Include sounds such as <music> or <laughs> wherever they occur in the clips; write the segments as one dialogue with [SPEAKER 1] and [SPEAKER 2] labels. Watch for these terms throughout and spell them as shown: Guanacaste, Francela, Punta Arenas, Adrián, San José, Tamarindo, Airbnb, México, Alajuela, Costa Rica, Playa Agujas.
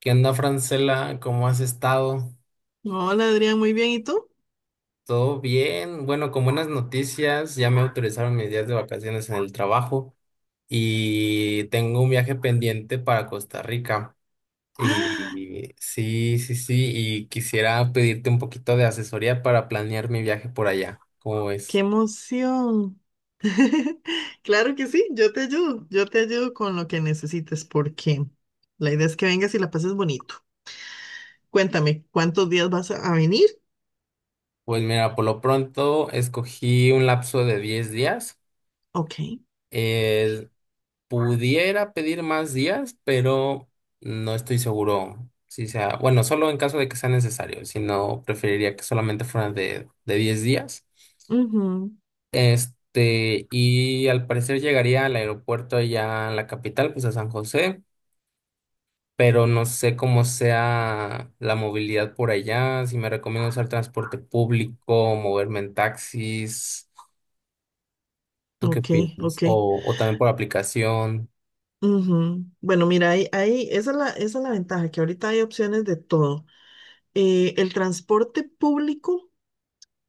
[SPEAKER 1] ¿Qué onda, Francela? ¿Cómo has estado?
[SPEAKER 2] Hola Adrián, muy bien. ¿Y tú?
[SPEAKER 1] ¿Todo bien? Bueno, con buenas noticias, ya me autorizaron mis días de vacaciones en el trabajo y tengo un viaje pendiente para Costa Rica. Y sí, sí, sí, y quisiera pedirte un poquito de asesoría para planear mi viaje por allá. ¿Cómo
[SPEAKER 2] ¡Qué
[SPEAKER 1] ves?
[SPEAKER 2] emoción! <laughs> Claro que sí, yo te ayudo con lo que necesites, porque la idea es que vengas y la pases bonito. Cuéntame, ¿cuántos días vas a venir?
[SPEAKER 1] Pues mira, por lo pronto escogí un lapso de 10 días.
[SPEAKER 2] Ok.
[SPEAKER 1] Pudiera pedir más días, pero no estoy seguro si sea, bueno, solo en caso de que sea necesario, si no, preferiría que solamente fueran de 10 días.
[SPEAKER 2] Ujú.
[SPEAKER 1] Y al parecer llegaría al aeropuerto ya a la capital, pues a San José, pero no sé cómo sea la movilidad por allá, si me recomiendo usar transporte público, moverme en taxis, ¿tú qué
[SPEAKER 2] Ok,
[SPEAKER 1] opinas?
[SPEAKER 2] ok,
[SPEAKER 1] O también por aplicación.
[SPEAKER 2] ujú. Bueno, mira, esa es esa es la ventaja, que ahorita hay opciones de todo. El transporte público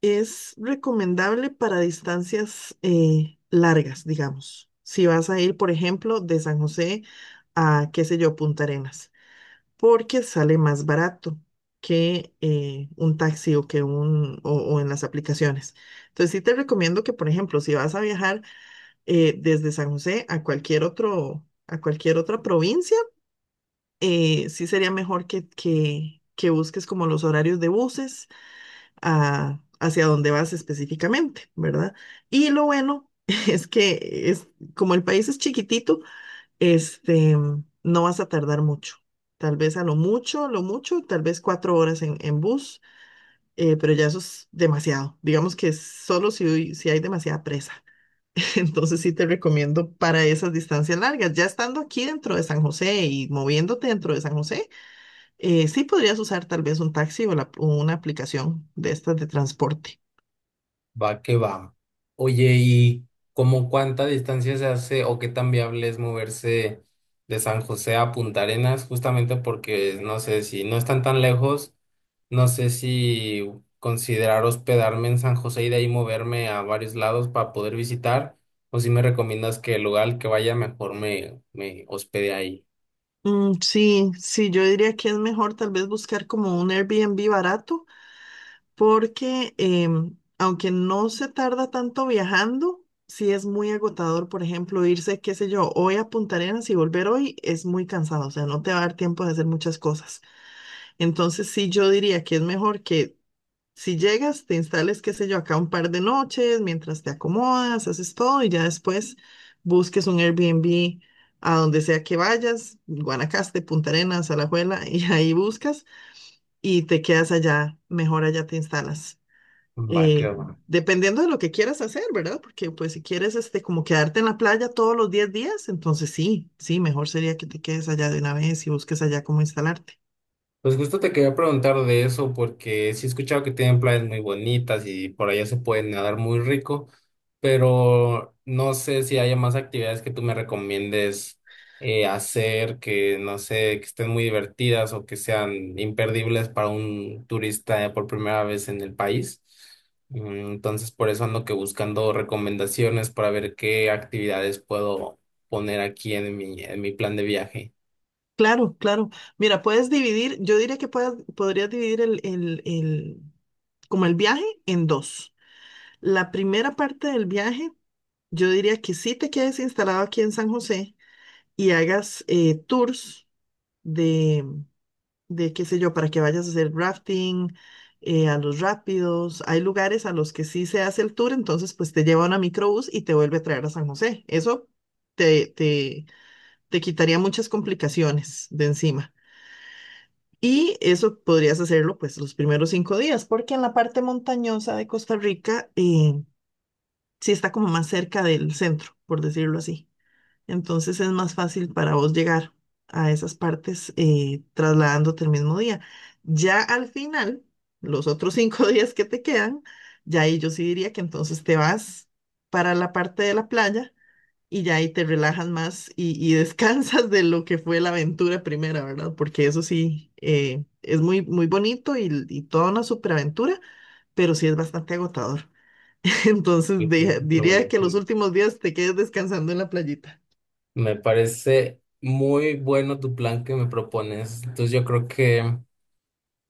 [SPEAKER 2] es recomendable para distancias largas, digamos. Si vas a ir, por ejemplo, de San José a, qué sé yo, Punta Arenas, porque sale más barato que un taxi o o en las aplicaciones. Entonces sí te recomiendo que, por ejemplo, si vas a viajar desde San José a a cualquier otra provincia, sí sería mejor que busques como los horarios de buses hacia dónde vas específicamente, ¿verdad? Y lo bueno <laughs> es es, como el país es chiquitito, este, no vas a tardar mucho. Tal vez a lo mucho, tal vez 4 horas en bus, pero ya eso es demasiado. Digamos que solo si hay demasiada presa. <laughs> Entonces sí te recomiendo para esas distancias largas. Ya estando aquí dentro de San José y moviéndote dentro de San José, sí podrías usar tal vez un taxi o una aplicación de estas de transporte.
[SPEAKER 1] Va que va. Oye, ¿y cómo cuánta distancia se hace o qué tan viable es moverse de San José a Punta Arenas? Justamente porque no sé si no están tan lejos, no sé si considerar hospedarme en San José y de ahí moverme a varios lados para poder visitar, o si me recomiendas que el lugar al que vaya mejor me hospede ahí.
[SPEAKER 2] Mm, sí, yo diría que es mejor tal vez buscar como un Airbnb barato, porque aunque no se tarda tanto viajando, sí es muy agotador. Por ejemplo, irse, qué sé yo, hoy a Punta Arenas y volver hoy es muy cansado, o sea, no te va a dar tiempo de hacer muchas cosas. Entonces, sí, yo diría que es mejor que si llegas, te instales, qué sé yo, acá un par de noches, mientras te acomodas, haces todo, y ya después busques un Airbnb a donde sea que vayas, Guanacaste, Punta Arenas, Alajuela, <laughs> y ahí buscas y te quedas allá, mejor allá te instalas,
[SPEAKER 1] Va
[SPEAKER 2] eh,
[SPEAKER 1] que va.
[SPEAKER 2] dependiendo de lo que quieras hacer, ¿verdad? Porque pues si quieres como quedarte en la playa todos los 10 días, entonces sí, mejor sería que te quedes allá de una vez y busques allá cómo instalarte.
[SPEAKER 1] Pues justo te quería preguntar de eso porque sí he escuchado que tienen playas muy bonitas y por allá se pueden nadar muy rico, pero no sé si haya más actividades que tú me recomiendes hacer que no sé, que estén muy divertidas o que sean imperdibles para un turista por primera vez en el país. Entonces por eso ando que buscando recomendaciones para ver qué actividades puedo poner aquí en mi plan de viaje.
[SPEAKER 2] Claro, claro. Mira, yo diría que podrías dividir como el viaje en dos. La primera parte del viaje, yo diría que sí te quedes instalado aquí en San José y hagas tours de, qué sé yo, para que vayas a hacer rafting, a los rápidos. Hay lugares a los que sí se hace el tour, entonces pues te lleva una microbús y te vuelve a traer a San José. Eso te, te, te quitaría muchas complicaciones de encima. Y eso podrías hacerlo pues los primeros 5 días, porque en la parte montañosa de Costa Rica sí está como más cerca del centro, por decirlo así. Entonces es más fácil para vos llegar a esas partes trasladándote el mismo día. Ya al final, los otros 5 <laughs> días que te quedan, ya ahí yo sí diría que entonces te vas para la parte de la playa, y ya ahí te relajas más y <laughs> descansas de lo que fue la aventura primera, ¿verdad? Porque eso sí, es muy, muy bonito y toda una superaventura, pero sí es bastante agotador. <laughs> Entonces
[SPEAKER 1] Pues, se escucha
[SPEAKER 2] diría que los
[SPEAKER 1] buenísimo.
[SPEAKER 2] últimos días te quedes descansando en la playita.
[SPEAKER 1] Me parece muy bueno tu plan que me propones. Entonces yo creo que,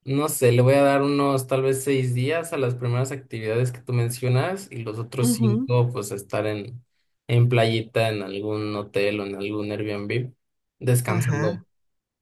[SPEAKER 1] no sé, le voy a dar unos tal vez 6 días a las primeras actividades que tú mencionas y los otros 5 pues a estar en playita, en algún hotel o en algún Airbnb, descansando,
[SPEAKER 2] Ajá,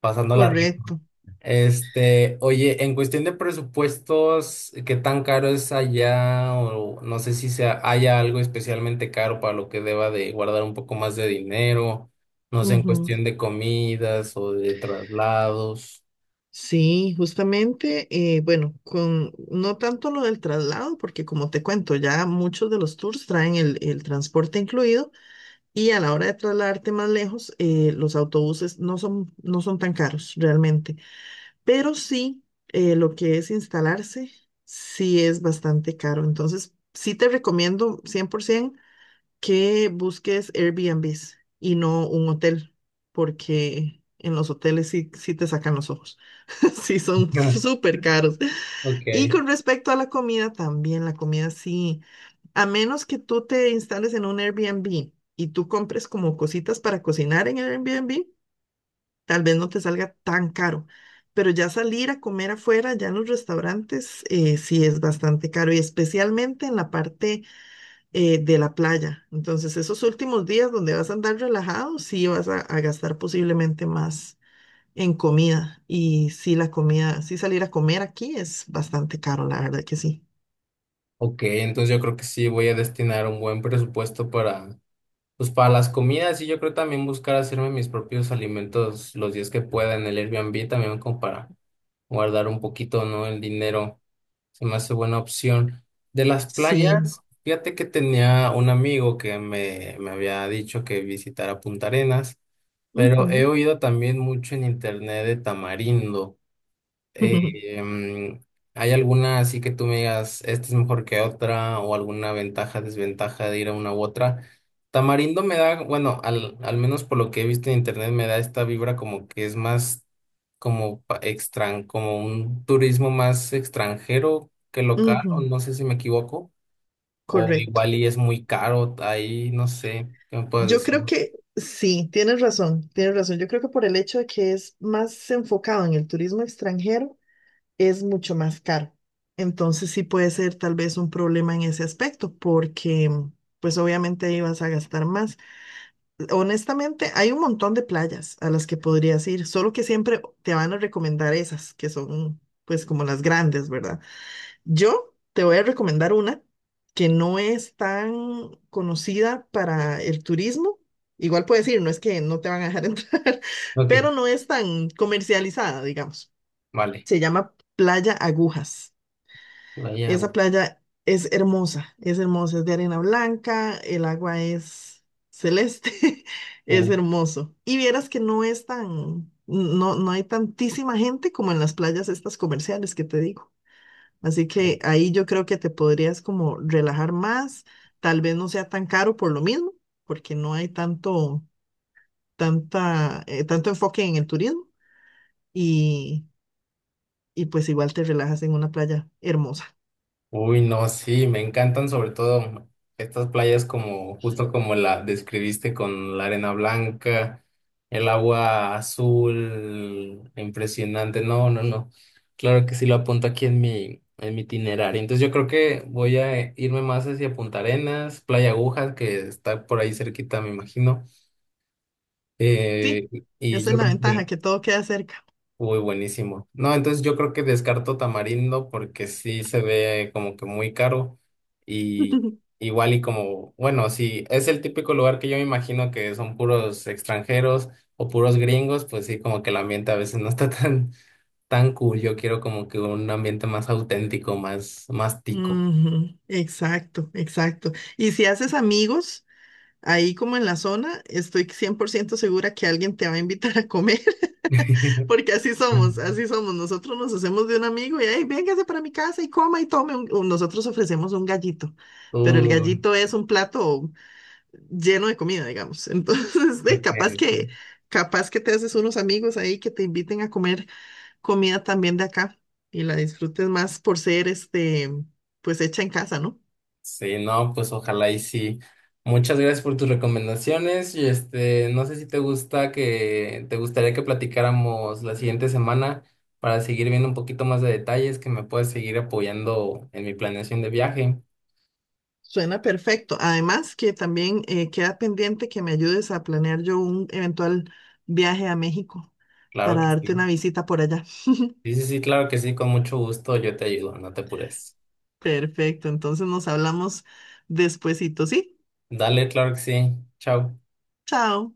[SPEAKER 1] pasando la
[SPEAKER 2] correcto.
[SPEAKER 1] oye, en cuestión de presupuestos, ¿qué tan caro es allá? O no sé si sea, haya algo especialmente caro para lo que deba de guardar un poco más de dinero. No sé, en
[SPEAKER 2] Ujú.
[SPEAKER 1] cuestión de comidas o de traslados.
[SPEAKER 2] Sí, justamente, bueno, con no tanto lo del traslado, porque como te cuento, ya muchos de los tours traen el transporte incluido, y a la hora de trasladarte más lejos, los autobuses no son tan caros realmente, pero sí, lo que es instalarse, sí es bastante caro. Entonces, sí te recomiendo 100% que busques Airbnbs y no un hotel, porque en los hoteles sí te sacan los ojos, <laughs> sí son
[SPEAKER 1] <laughs>
[SPEAKER 2] súper caros.
[SPEAKER 1] Ok,
[SPEAKER 2] Y con respecto a la comida también, la comida sí, a menos que tú te instales en un Airbnb y tú compres como cositas para cocinar en el Airbnb, tal vez no te salga tan caro. Pero ya salir a comer afuera, ya en los restaurantes, sí es bastante caro, y especialmente en la parte de la playa. Entonces, esos últimos días donde vas a andar relajado, sí vas a gastar posiblemente más en comida. Y sí, la comida, sí, salir a comer aquí es bastante caro, la verdad que sí.
[SPEAKER 1] ok, entonces yo creo que sí voy a destinar un buen presupuesto para, pues para las comidas y yo creo también buscar hacerme mis propios alimentos los días que pueda en el Airbnb también como para guardar un poquito, ¿no? El dinero. Se me hace buena opción. De las
[SPEAKER 2] Sí.
[SPEAKER 1] playas, fíjate que tenía un amigo que me había dicho que visitara Punta Arenas, pero he
[SPEAKER 2] Ujú.
[SPEAKER 1] oído también mucho en internet de Tamarindo.
[SPEAKER 2] <laughs> Ujú,
[SPEAKER 1] Eh, em, ¿Hay alguna así que tú me digas, esta es mejor que otra o alguna ventaja, desventaja de ir a una u otra? Tamarindo me da, bueno, al menos por lo que he visto en internet, me da esta vibra como que es más como como un turismo más extranjero que local, o
[SPEAKER 2] ujú.
[SPEAKER 1] no sé si me equivoco, o
[SPEAKER 2] Correcto.
[SPEAKER 1] igual y es muy caro ahí, no sé, ¿qué me puedes
[SPEAKER 2] Yo creo
[SPEAKER 1] decir?
[SPEAKER 2] que sí, tienes razón, tienes razón. Yo creo que por el hecho de que es más enfocado en el turismo extranjero, es mucho más caro. Entonces sí puede ser tal vez un problema en ese aspecto, porque pues obviamente ahí vas a gastar más. Honestamente, hay un montón de playas a las que podrías ir, solo que siempre te van a recomendar esas, que son pues como las grandes, ¿verdad? Yo te voy a recomendar una que no es tan conocida para el turismo. Igual puedes ir, no es que no te van a dejar <laughs> entrar,
[SPEAKER 1] Ok,
[SPEAKER 2] pero no es tan comercializada, digamos.
[SPEAKER 1] vale,
[SPEAKER 2] Se llama Playa Agujas.
[SPEAKER 1] la
[SPEAKER 2] Esa playa es hermosa, es hermosa, es de arena blanca, el agua es celeste, <laughs> es hermoso. Y vieras que no, no hay tantísima gente como en las playas estas comerciales que te digo. Así que ahí yo creo que te podrías como relajar más, tal vez no sea tan caro por lo mismo, porque no hay tanto enfoque en el turismo, y, y pues igual te relajas en una playa hermosa.
[SPEAKER 1] uy, no, sí, me encantan sobre todo estas playas como, justo como la describiste con la arena blanca, el agua azul, impresionante. No, no, no. Claro que sí lo apunto aquí en en mi itinerario. Entonces yo creo que voy a irme más hacia Punta Arenas, Playa Agujas, que está por ahí cerquita, me imagino.
[SPEAKER 2] Sí,
[SPEAKER 1] Eh, y
[SPEAKER 2] esa es
[SPEAKER 1] yo
[SPEAKER 2] la
[SPEAKER 1] creo que
[SPEAKER 2] ventaja, que todo queda cerca.
[SPEAKER 1] uy, buenísimo. No, entonces yo creo que descarto Tamarindo porque sí se ve como que muy caro y
[SPEAKER 2] <laughs>
[SPEAKER 1] igual y como, bueno, sí, es el típico lugar que yo me imagino que son puros extranjeros o puros gringos, pues sí, como que el ambiente a veces no está <laughs> tan, tan cool. Yo quiero como que un ambiente más auténtico, más, más tico.
[SPEAKER 2] Ujú. Exacto, exacto. Y si haces amigos ahí como en la zona, estoy 100% segura que alguien te va a invitar a comer, <laughs>
[SPEAKER 1] <laughs>
[SPEAKER 2] porque así somos, así somos. Nosotros nos hacemos de un amigo y, hey, véngase para mi casa y coma y tome. Un-". O nosotros ofrecemos un gallito, pero el
[SPEAKER 1] Uy,
[SPEAKER 2] gallito es un plato lleno de comida, digamos. Entonces, <laughs>
[SPEAKER 1] ok, ok.
[SPEAKER 2] capaz que te haces unos amigos ahí que te inviten a comer. Comida también de acá, y la disfrutes más por ser pues hecha en casa, ¿no?
[SPEAKER 1] Sí, no, pues ojalá y sí. Muchas gracias por tus recomendaciones y no sé si te gusta que te gustaría que platicáramos la siguiente semana para seguir viendo un poquito más de detalles, que me puedas seguir apoyando en mi planeación de viaje.
[SPEAKER 2] Suena perfecto. Además que también queda pendiente que me ayudes a planear yo un eventual viaje a México
[SPEAKER 1] Claro
[SPEAKER 2] para
[SPEAKER 1] que
[SPEAKER 2] darte
[SPEAKER 1] sí.
[SPEAKER 2] una visita por allá.
[SPEAKER 1] Sí, sí, sí, claro que sí, con mucho gusto yo te ayudo, no te apures.
[SPEAKER 2] Perfecto, entonces nos hablamos despuesito, ¿sí?
[SPEAKER 1] Dale, claro que sí. Chao.
[SPEAKER 2] Chao.